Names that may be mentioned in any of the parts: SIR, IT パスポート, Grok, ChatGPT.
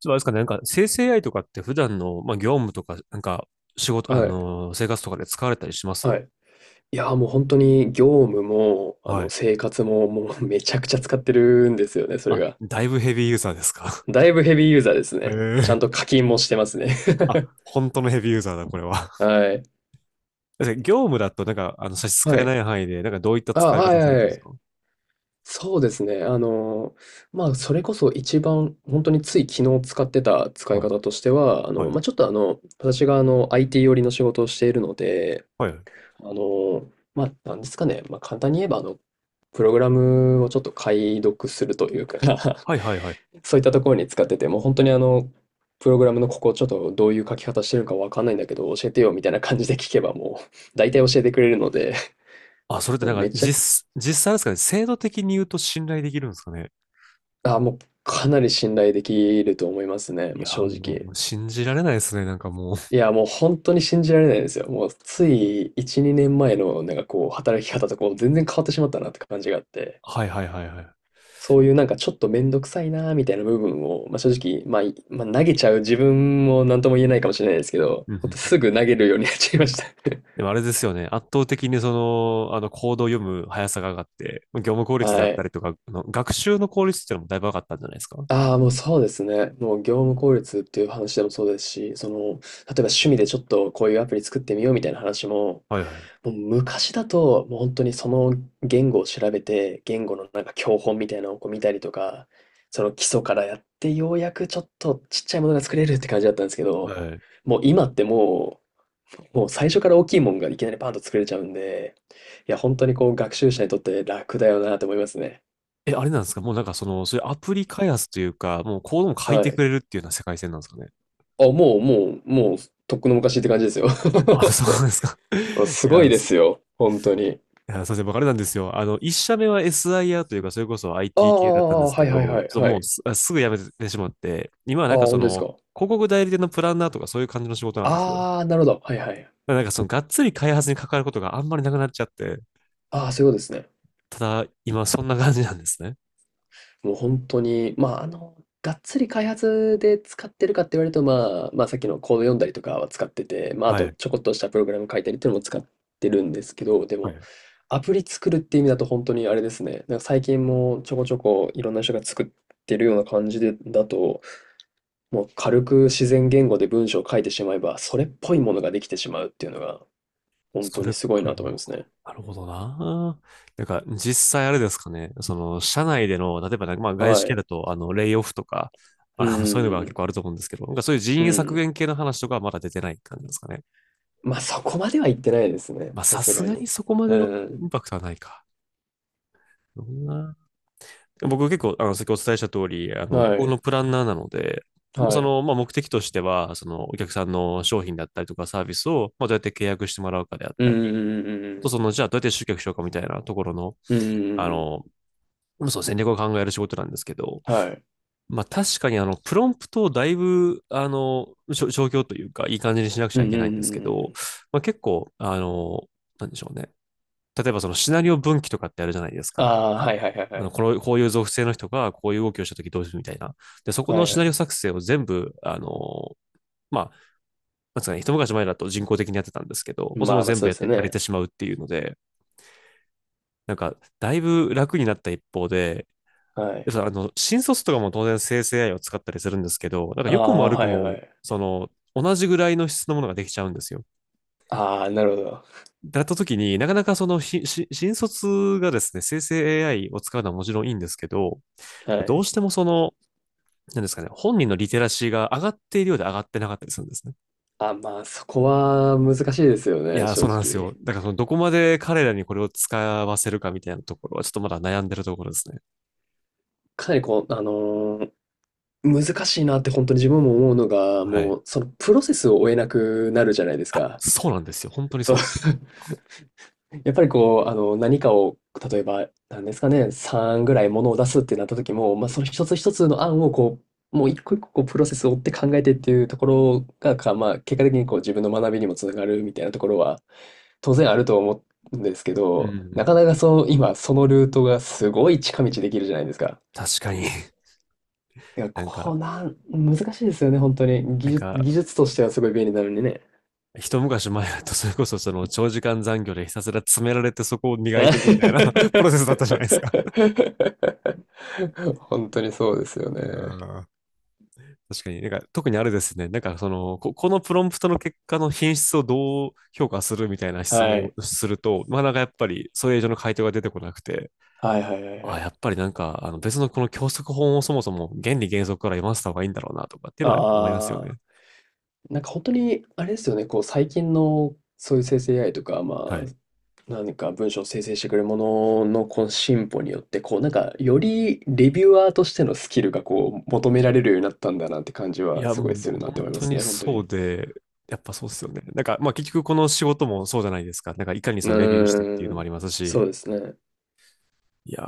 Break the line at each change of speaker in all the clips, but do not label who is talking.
そうですかね。なんか生成 AI とかって普段の、まあ、業務とか、なんか仕事、
はい、
生活とかで使われたりします
はい。いや、もう本当に業務も、
はい。
生活も、もう めちゃくちゃ使ってるんですよね、それ
あ、
が。
だいぶヘビーユーザーですか？
だいぶヘビーユーザーですね。ちゃん と
ええ。
課金もしてますね。
あ、本当のヘビーユーザーだ、これは。
はい。
だって業務だと、なんか、あの、差し支
は
えな
い。
い範囲で、なんかどういった
あ、
使い
はい
方
は
され
い
てる
は
んです
い。
か？
そうですね。それこそ一番本当につい昨日使ってた使い
はい、
方としては、あの、
はい、
まあ、ちょっと、あの、私が、IT 寄りの仕事をしているので、
はい、
あの、なんですかね、簡単に言えば、プログラムをちょっと解読するというか
はい、はいはい。
そういったところに使ってて、もう本当にプログラムのここちょっとどういう書き方してるのかわかんないんだけど、教えてよみたいな感じで聞けばもう、大体教えてくれるので、
あ、それって
もう
なん
め
か、
ちゃ、
実際ですかね、制度的に言うと信頼できるんですかね。
あ、もうかなり信頼できると思いますね、
い
もう
やー、
正
も
直。
う、信じられないですね、なんかもう。
いや、もう本当に信じられないですよ。もうつい1、2年前のなんかこう、働き方とこう、全然変わってしまったなって感じがあって、
はい、はい、はい、はい。
そういうなんかちょっとめんどくさいなみたいな部分を、正直、まあ、いまあ、投げちゃう自分も何とも言えないかもしれないですけど、
うん
ほんと
うん。
すぐ投げるようになっちゃいました。
でもあれですよね。圧倒的にその、あの、コードを読む速さが上がって、業務効率であ
は
った
い。
りとか、あの学習の効率っていうのもだいぶ上がったんじゃないですか。
ああ、もうそうですね。もう業務効率っていう話でもそうですし、その、例えば趣味でちょっとこういうアプリ作ってみようみたいな話も、
はいはい。
もう昔だと、もう本当にその言語を調べて、言語のなんか教本みたいなのをこう見たりとか、その基礎からやって、ようやくちょっとちっちゃいものが作れるって感じだったんですけ
は
ど、
い。
もう今ってもう最初から大きいもんがいきなりパンと作れちゃうんで、いや、本当にこう学習者にとって楽だよなと思いますね。
え、あれなんですか、もうなんかその、そういうアプリ開発というか、もうコードも書い
は
てく
い。
れるっていうような世界線なんですかね。
あ、もう、とっくの昔って感じですよ。
あ、そうなんですか。い
すごい
や、
で
す
すよ。本当に。
いや、すいません、僕あれなんですよ。あの、一社目は SIR というか、それこそ
あー
IT 系だったんで
あ
す
は
け
い
ど、ち
はい
ょ
は
っ
い
と
は
もう
い。
すぐ辞めてしまって、今はな
ああ、
んかそ
本当です
の、
か。
広告代理店のプランナーとかそういう感じの仕事なんですよ。
ああ、なるほど。はいはい。
なんかそのがっつり開発に関わることがあんまりなくなっちゃって、
ああ、そういうことですね。
ただ今そんな感じなんですね。
もう本当に、がっつり開発で使ってるかって言われると、さっきのコード読んだりとかは使ってて、まあ、あ
は
と
い。
ちょこっとしたプログラム書いたりっていうのも使ってるんですけど、で
は
も、
い。
アプリ作るって意味だと本当にあれですね。なんか最近もちょこちょこいろんな人が作ってるような感じで、だと、もう軽く自然言語で文章を書いてしまえば、それっぽいものができてしまうっていうのが、本
そ
当に
れっ
すごい
ぽい
なと
も
思い
の
ま
か。
すね。
なるほどな。なんか実際あれですかね、その社内での、例えばなんかまあ外
は
資系
い。
だと、あの、レイオフとか、
うんう
あの、そういうのが
ん、ま
結構ある
あ
と思うんですけど、なんかそういう人員削減系の話とかはまだ出てない感じですかね。
そこまでは行ってないですね、
まあ
さ
さ
すが
すがに
に。
そこま
う
でのイ
ん
ンパクトはないか。どんな。僕結構、あの、先お伝えした通り、あ
うん。
の、こ
は
こ
い。
のプランナーなので、まあ
は
そ
い。
の、まあ、目的としては、その、お客さんの商品だったりとかサービスを、まあ、どうやって契約してもらうかであっ
うん
たり、
うん
あとそ
うん
の、じゃあどうやって集客しようかみたいなところの、
うんうんうん。うんう
あ
んうんうん。
の、そう、戦略を考える仕事なんですけど、
はい。
まあ、確かに、あの、プロンプトをだいぶ、あの、消去というか、いい感じにしなくち
う
ゃい
ん
け
う
な
ん
いん
う
です
ん
け
うんう
ど、
ん。
まあ、結構、あの、なんでしょうね。例えばそのシナリオ分岐とかってあるじゃないです
あ
か。
あ、はいはいはいは
あの
い。
この、こういう属性の人がこういう動きをしたときどうするみたいな。で、そこ
は
の
い
シナ
は
リオ
い。
作成を全部、あの、まあ、なんつうかね、一昔前だと人工的にやってたんですけど、もうそれ
ま
も
あまあ、
全
そ
部
う
や
で
っ
すよ
て、やれ
ね。
てしまうっていうので、なんか、だいぶ楽になった一方で、
は
で
い。
さあの、新卒とかも当然生成 AI を使ったりするんですけど、なんか
あ
良くも
あ、
悪く
はい
も、
はい。
その、同じぐらいの質のものができちゃうんですよ。
ああ、なるほど。
だったときになかなかその新卒がですね、生成 AI を使うのはもちろんいいんですけど、
は
どう
い。
してもその、なんですかね、本人のリテラシーが上がっているようで上がってなかったりするんですね。
あ、そこは難しいですよ
い
ね、
やー、
正
そうなんですよ。
直。
だからその、どこまで彼らにこれを使わせるかみたいなところは、ちょっとまだ悩んでるところですね。
かなりこう、難しいなって本当に自分も思うのが、
は
も
い。
う、そのプロセスを追えなくなるじゃないです
あ、
か。
そうなんですよ。本当に
そ
そ
う、
うなんです。
やっぱりこう、何かを、例えば、なんですかね、3ぐらいものを出すってなった時も、まあ、その一つ一つの案をこう、もう一個一個こうプロセスを追って考えてっていうところが、かまあ、結果的にこう自分の学びにもつながるみたいなところは、当然あると思うんですけ
うんう
ど、
んう
なか
ん。
なかそう、今そのルートがすごい近道できるじゃないですか。
確かに。
いや、
なん
こ
か、
うなん、難しいですよね、本当に。技
なん
術、
か、
技術としてはすごい便利なのにね。
一昔前だと、それこそその長時間残業でひたすら詰められてそこを磨いていくみたいな プロ セスだったじゃないですか。
本当にそうですよ
いや
ね。
ー、確かに。なんか、特にあれですね。なんか、その、こ、このプロンプトの結果の品質をどう評価するみたいな質
は
問
い。
をすると、まあ、なんかやっぱり、それ以上の回答が出てこなくて、
はいはいはいは
あ、
い。
やっぱりなんか、あの、別のこの教則本をそもそも原理原則から読ませた方がいいんだろうなとかっていうのはやっぱ思いますよ
ああ、
ね。
なんか本当に、あれですよね、こう最近のそういう生成 AI とか、
は
まあ、
い。
何か文章を生成してくれるもののこの進歩によって、こうなんかよりレビュアーとしてのスキルがこう求められるようになったんだなって感じ
い
は
や、
すご
もう、
いす
もう
るなって
本
思いま
当
す
に
ね、本当
そう
に。
で、やっぱそうですよね。なんか、まあ、結局この仕事もそうじゃないですか。なんか、いかに
う
そのレビューしてっていう
ー
のもあり
ん。
ます
そ
し、
うですね。
いやー、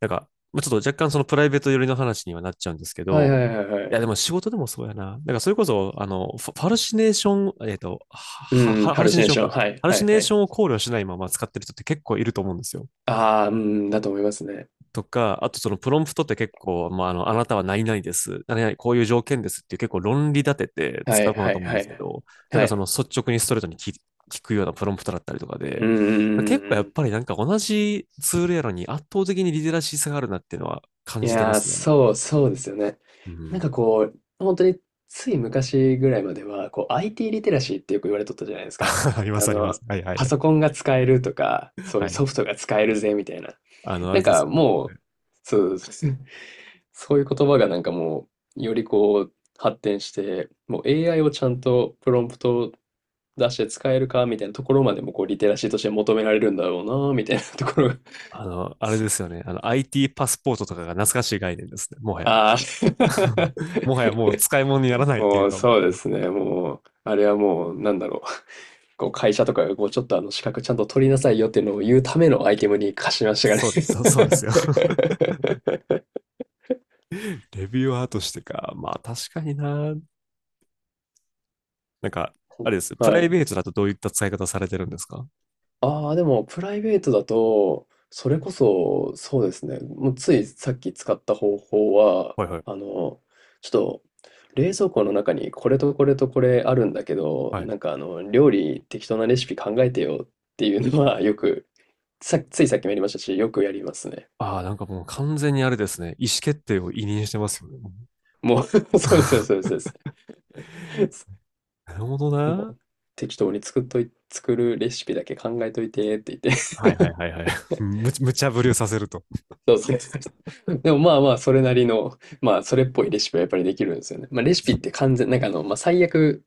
なんか、まあ、ちょっと若干そのプライベート寄りの話にはなっちゃうんですけ
はい
ど、
はいはいは
いや、で
い。
も仕事でもそうやな。なんかそれこそ、あの、ファファルシネーション、は
うん、
はハ
ハ
ル
ル
シ
シ
ネー
ネー
ション
ション。
か。
はい
ハル
は
シ
い
ネ
は
ーシ
い。
ョンを考慮しないまま使ってる人って結構いると思うんですよ。
ああ、うん、だと思いますね。
とか、あとそのプロンプトって結構、まあ、あの、あなたは何々です、何々、こういう条件ですっていう結構論理立てて
は
使
い
うもの
は
だと
い
思うん
は
です
い
け
はい。
ど、だ
は
からその
い。
率直にストレートに聞くようなプロンプトだったりとか
うん
で、
うんう
結
ん
構やっ
うん。
ぱりなんか同じツールやのに圧倒的にリテラシー差があるなっていうのは感
い
じてま
やー、
すね。
そう、そうですよね。
う
なんか
ん。
こう、本当につい昔ぐらいまでは、こう IT リテラシーってよく言われとったじゃないですか。
ありま
あ
すありま
の、
す。はいは
パ
い。
ソコンが使えるとか、そうい
は
う
い。
ソフトが使えるぜみたいな。
あの、あ
な
れ
ん
で
か
すよ。
もう、そうそうそう、そういう言葉がなんかもう、よりこう、発展して、もう AI をちゃんとプロンプトを出して使えるかみたいなところまでもこう、リテラシーとして求められるんだろうな、みたいなところが。
あの、あれですよね。あの、IT パスポートとかが懐かしい概念ですね。もはや。
ああ。
もはやもう使い物にならないってい
も
う
う
か、
そうですね。もう、あれはもう、なんだろう。こう会社とかがこうちょっとあの資格ちゃんと取りなさいよっていうのを言うためのアイテムに化しましたがね。
そうです。そうそうですよ。レビューアーとしてか。まあ確かにな。なんか、あれです。プ
は
ライ
い。
ベートだとどういった使い方されてるんですか？
ああ、でも、プライベートだと、それこそ、そうですね。もうついさっき使った方法は、
はいは
あ
い。
の、ちょっと、冷蔵庫の中にこれとこれとこれあるんだけど、
はい。
なんか料理適当なレシピ考えてよっていうのは、よく、さ、ついさっきもやりましたし、よくやりますね。
ああ、なんかもう完全にあれですね。意思決定を委任してますよね。もう。
もう そうそう そうそうです
なるほど
も
な。
う、適当に作っとい、作るレシピだけ考えといてって言って、
はいはいはいはい。無茶ぶりをさせると。
そうそうそう。でもまあまあ、それなりの、まあ、それっぽいレシピはやっぱりできるんですよね。まあ、レシピ
そ
っ
う、
て完全、最悪、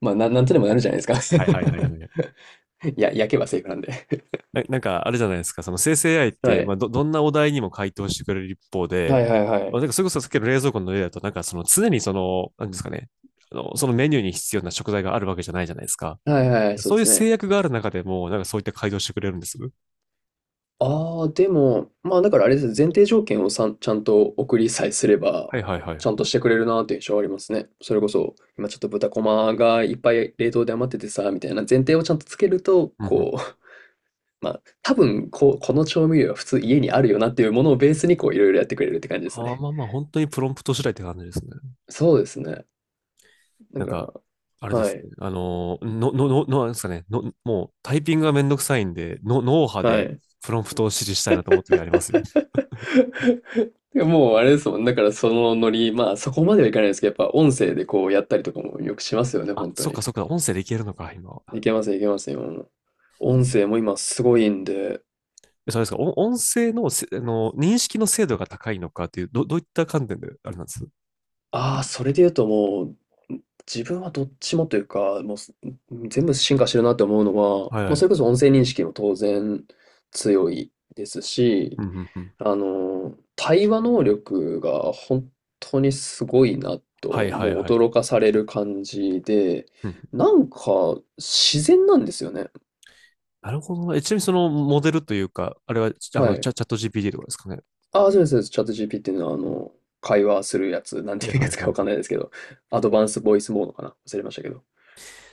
まあ、なんとでもなるじゃないですか。
はいはいはいは い。
いや、焼けばセーフなんで。
なんかあれじゃないですか。その生成 AI っ
は
て、ま
い。
あどんなお題にも回答してくれる一方
は
で、
いはいは
まあ、
い。
なんかそれこそさっきの冷蔵庫の例だと、なんかその常にその、なんですかね。あの、そのメニューに必要な食材があるわけじゃないじゃないですか。
はいはい、そう
そ
で
ういう
す
制
ね。
約がある中でも、なんかそういった改造してくれるんです。
ああ、でも、まあ、だからあれですね、前提条件をちゃんと送りさえすれば、
はいはいはい。
ちゃ
う
ん
ん
としてくれるなという印象はありますね。それこそ、今ちょっと豚こまがいっぱい冷凍で余っててさ、みたいな前提をちゃんとつけると、
うん、
こう、まあ、多分こう、この調味料は普通家にあるよなっていうものをベースにこういろいろやってくれるって感じです
あー
ね。
まあまあ、本当にプロンプト次第って感じですね。
そうですね。だ
なん
から、
か、あれで
は
す
い、
ね。あのー、の、の、の、のなんですかね。の、もうタイピングがめんどくさいんで、の、脳波
は
で
い。
プロンプトを指示したいなと思う時ありますよ。
でもうあれですもん、だからそのノリ、まあそこまではいかないですけど、やっぱ音声でこうやったりとかもよくしますよね、
あ、
本当
そっ
に。
かそっか、音声でいけるのか、今
い
は。
けますいけます、今も。音声も今すごいんで。
えそうですか、お音声のせ、あの、認識の精度が高いのかっていう、どういった観点であれなんです、
ああ、それで言うともう、自分はどっちもというか、もうす、ん全部進化してるなって思うのは、も
はいは
うそれこ
い。
そ音声認識も当然強いですし、
うんうんうん。
対話能力が本当にすごいな
はい
と、
は
も
い
う
はい。
驚かされる感じで、
うんうん。
なんか自然なんですよね。
なるほどねえ、ちなみにそのモデルというか、あれは、あ
は
の、チ
い。
ャ、チャット GPT とかですかね。
ああ、そうです、そうです。チャット GPT の会話するやつ、なんて
はい
いう
は
や
い
つ
はい
か
は
わ
い。
かんないですけど、アドバンスボイスモードかな、忘れましたけど。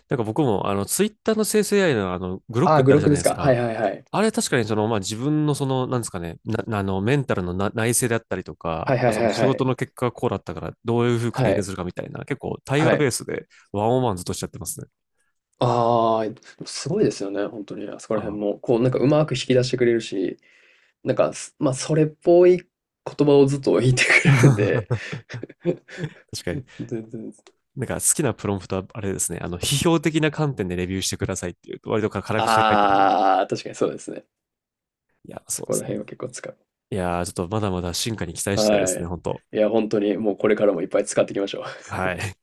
なんか僕も、あの、ツイッターの生成 AI の、あの、グロッ
あ
ク
あ、
っ
グ
てあ
ロ
る
ッ
じ
ク
ゃな
で
いで
す
す
か。は
か。
いはいはい。
あれ確かにその、まあ、自分のその、なんですかね、な、あの、メンタルのな内省であったりとか、
はいはい
その
は
仕
いは
事
い。
の結果がこうだったから、どういうふうに
は
改善
い。
するかみたいな、結構対話
は
ベ
い。
ースでワンオンワンずっとしちゃってますね。
ああ、すごいですよね、本当に、あそこら
あ
辺
あ、
も。こうなんかうまく引き出してくれるし、なんか、すまあ、それっぽい言葉をずっと言ってくれるんで、
確かに。
全然。
なんか好きなプロンプトはあれですね、あの、批評的な観点でレビューしてくださいっていうと、割と辛口に書いてくるんで。
ああ、確かにそうですね。
いや、そ
そ
うで
こら
す
辺は
ね。
結構使う。
いやー、ちょっとまだまだ進化に期待したいで
は
すね、
い。
本当。
いや、本当にもうこれからもいっぱい使っていきましょう。
はい。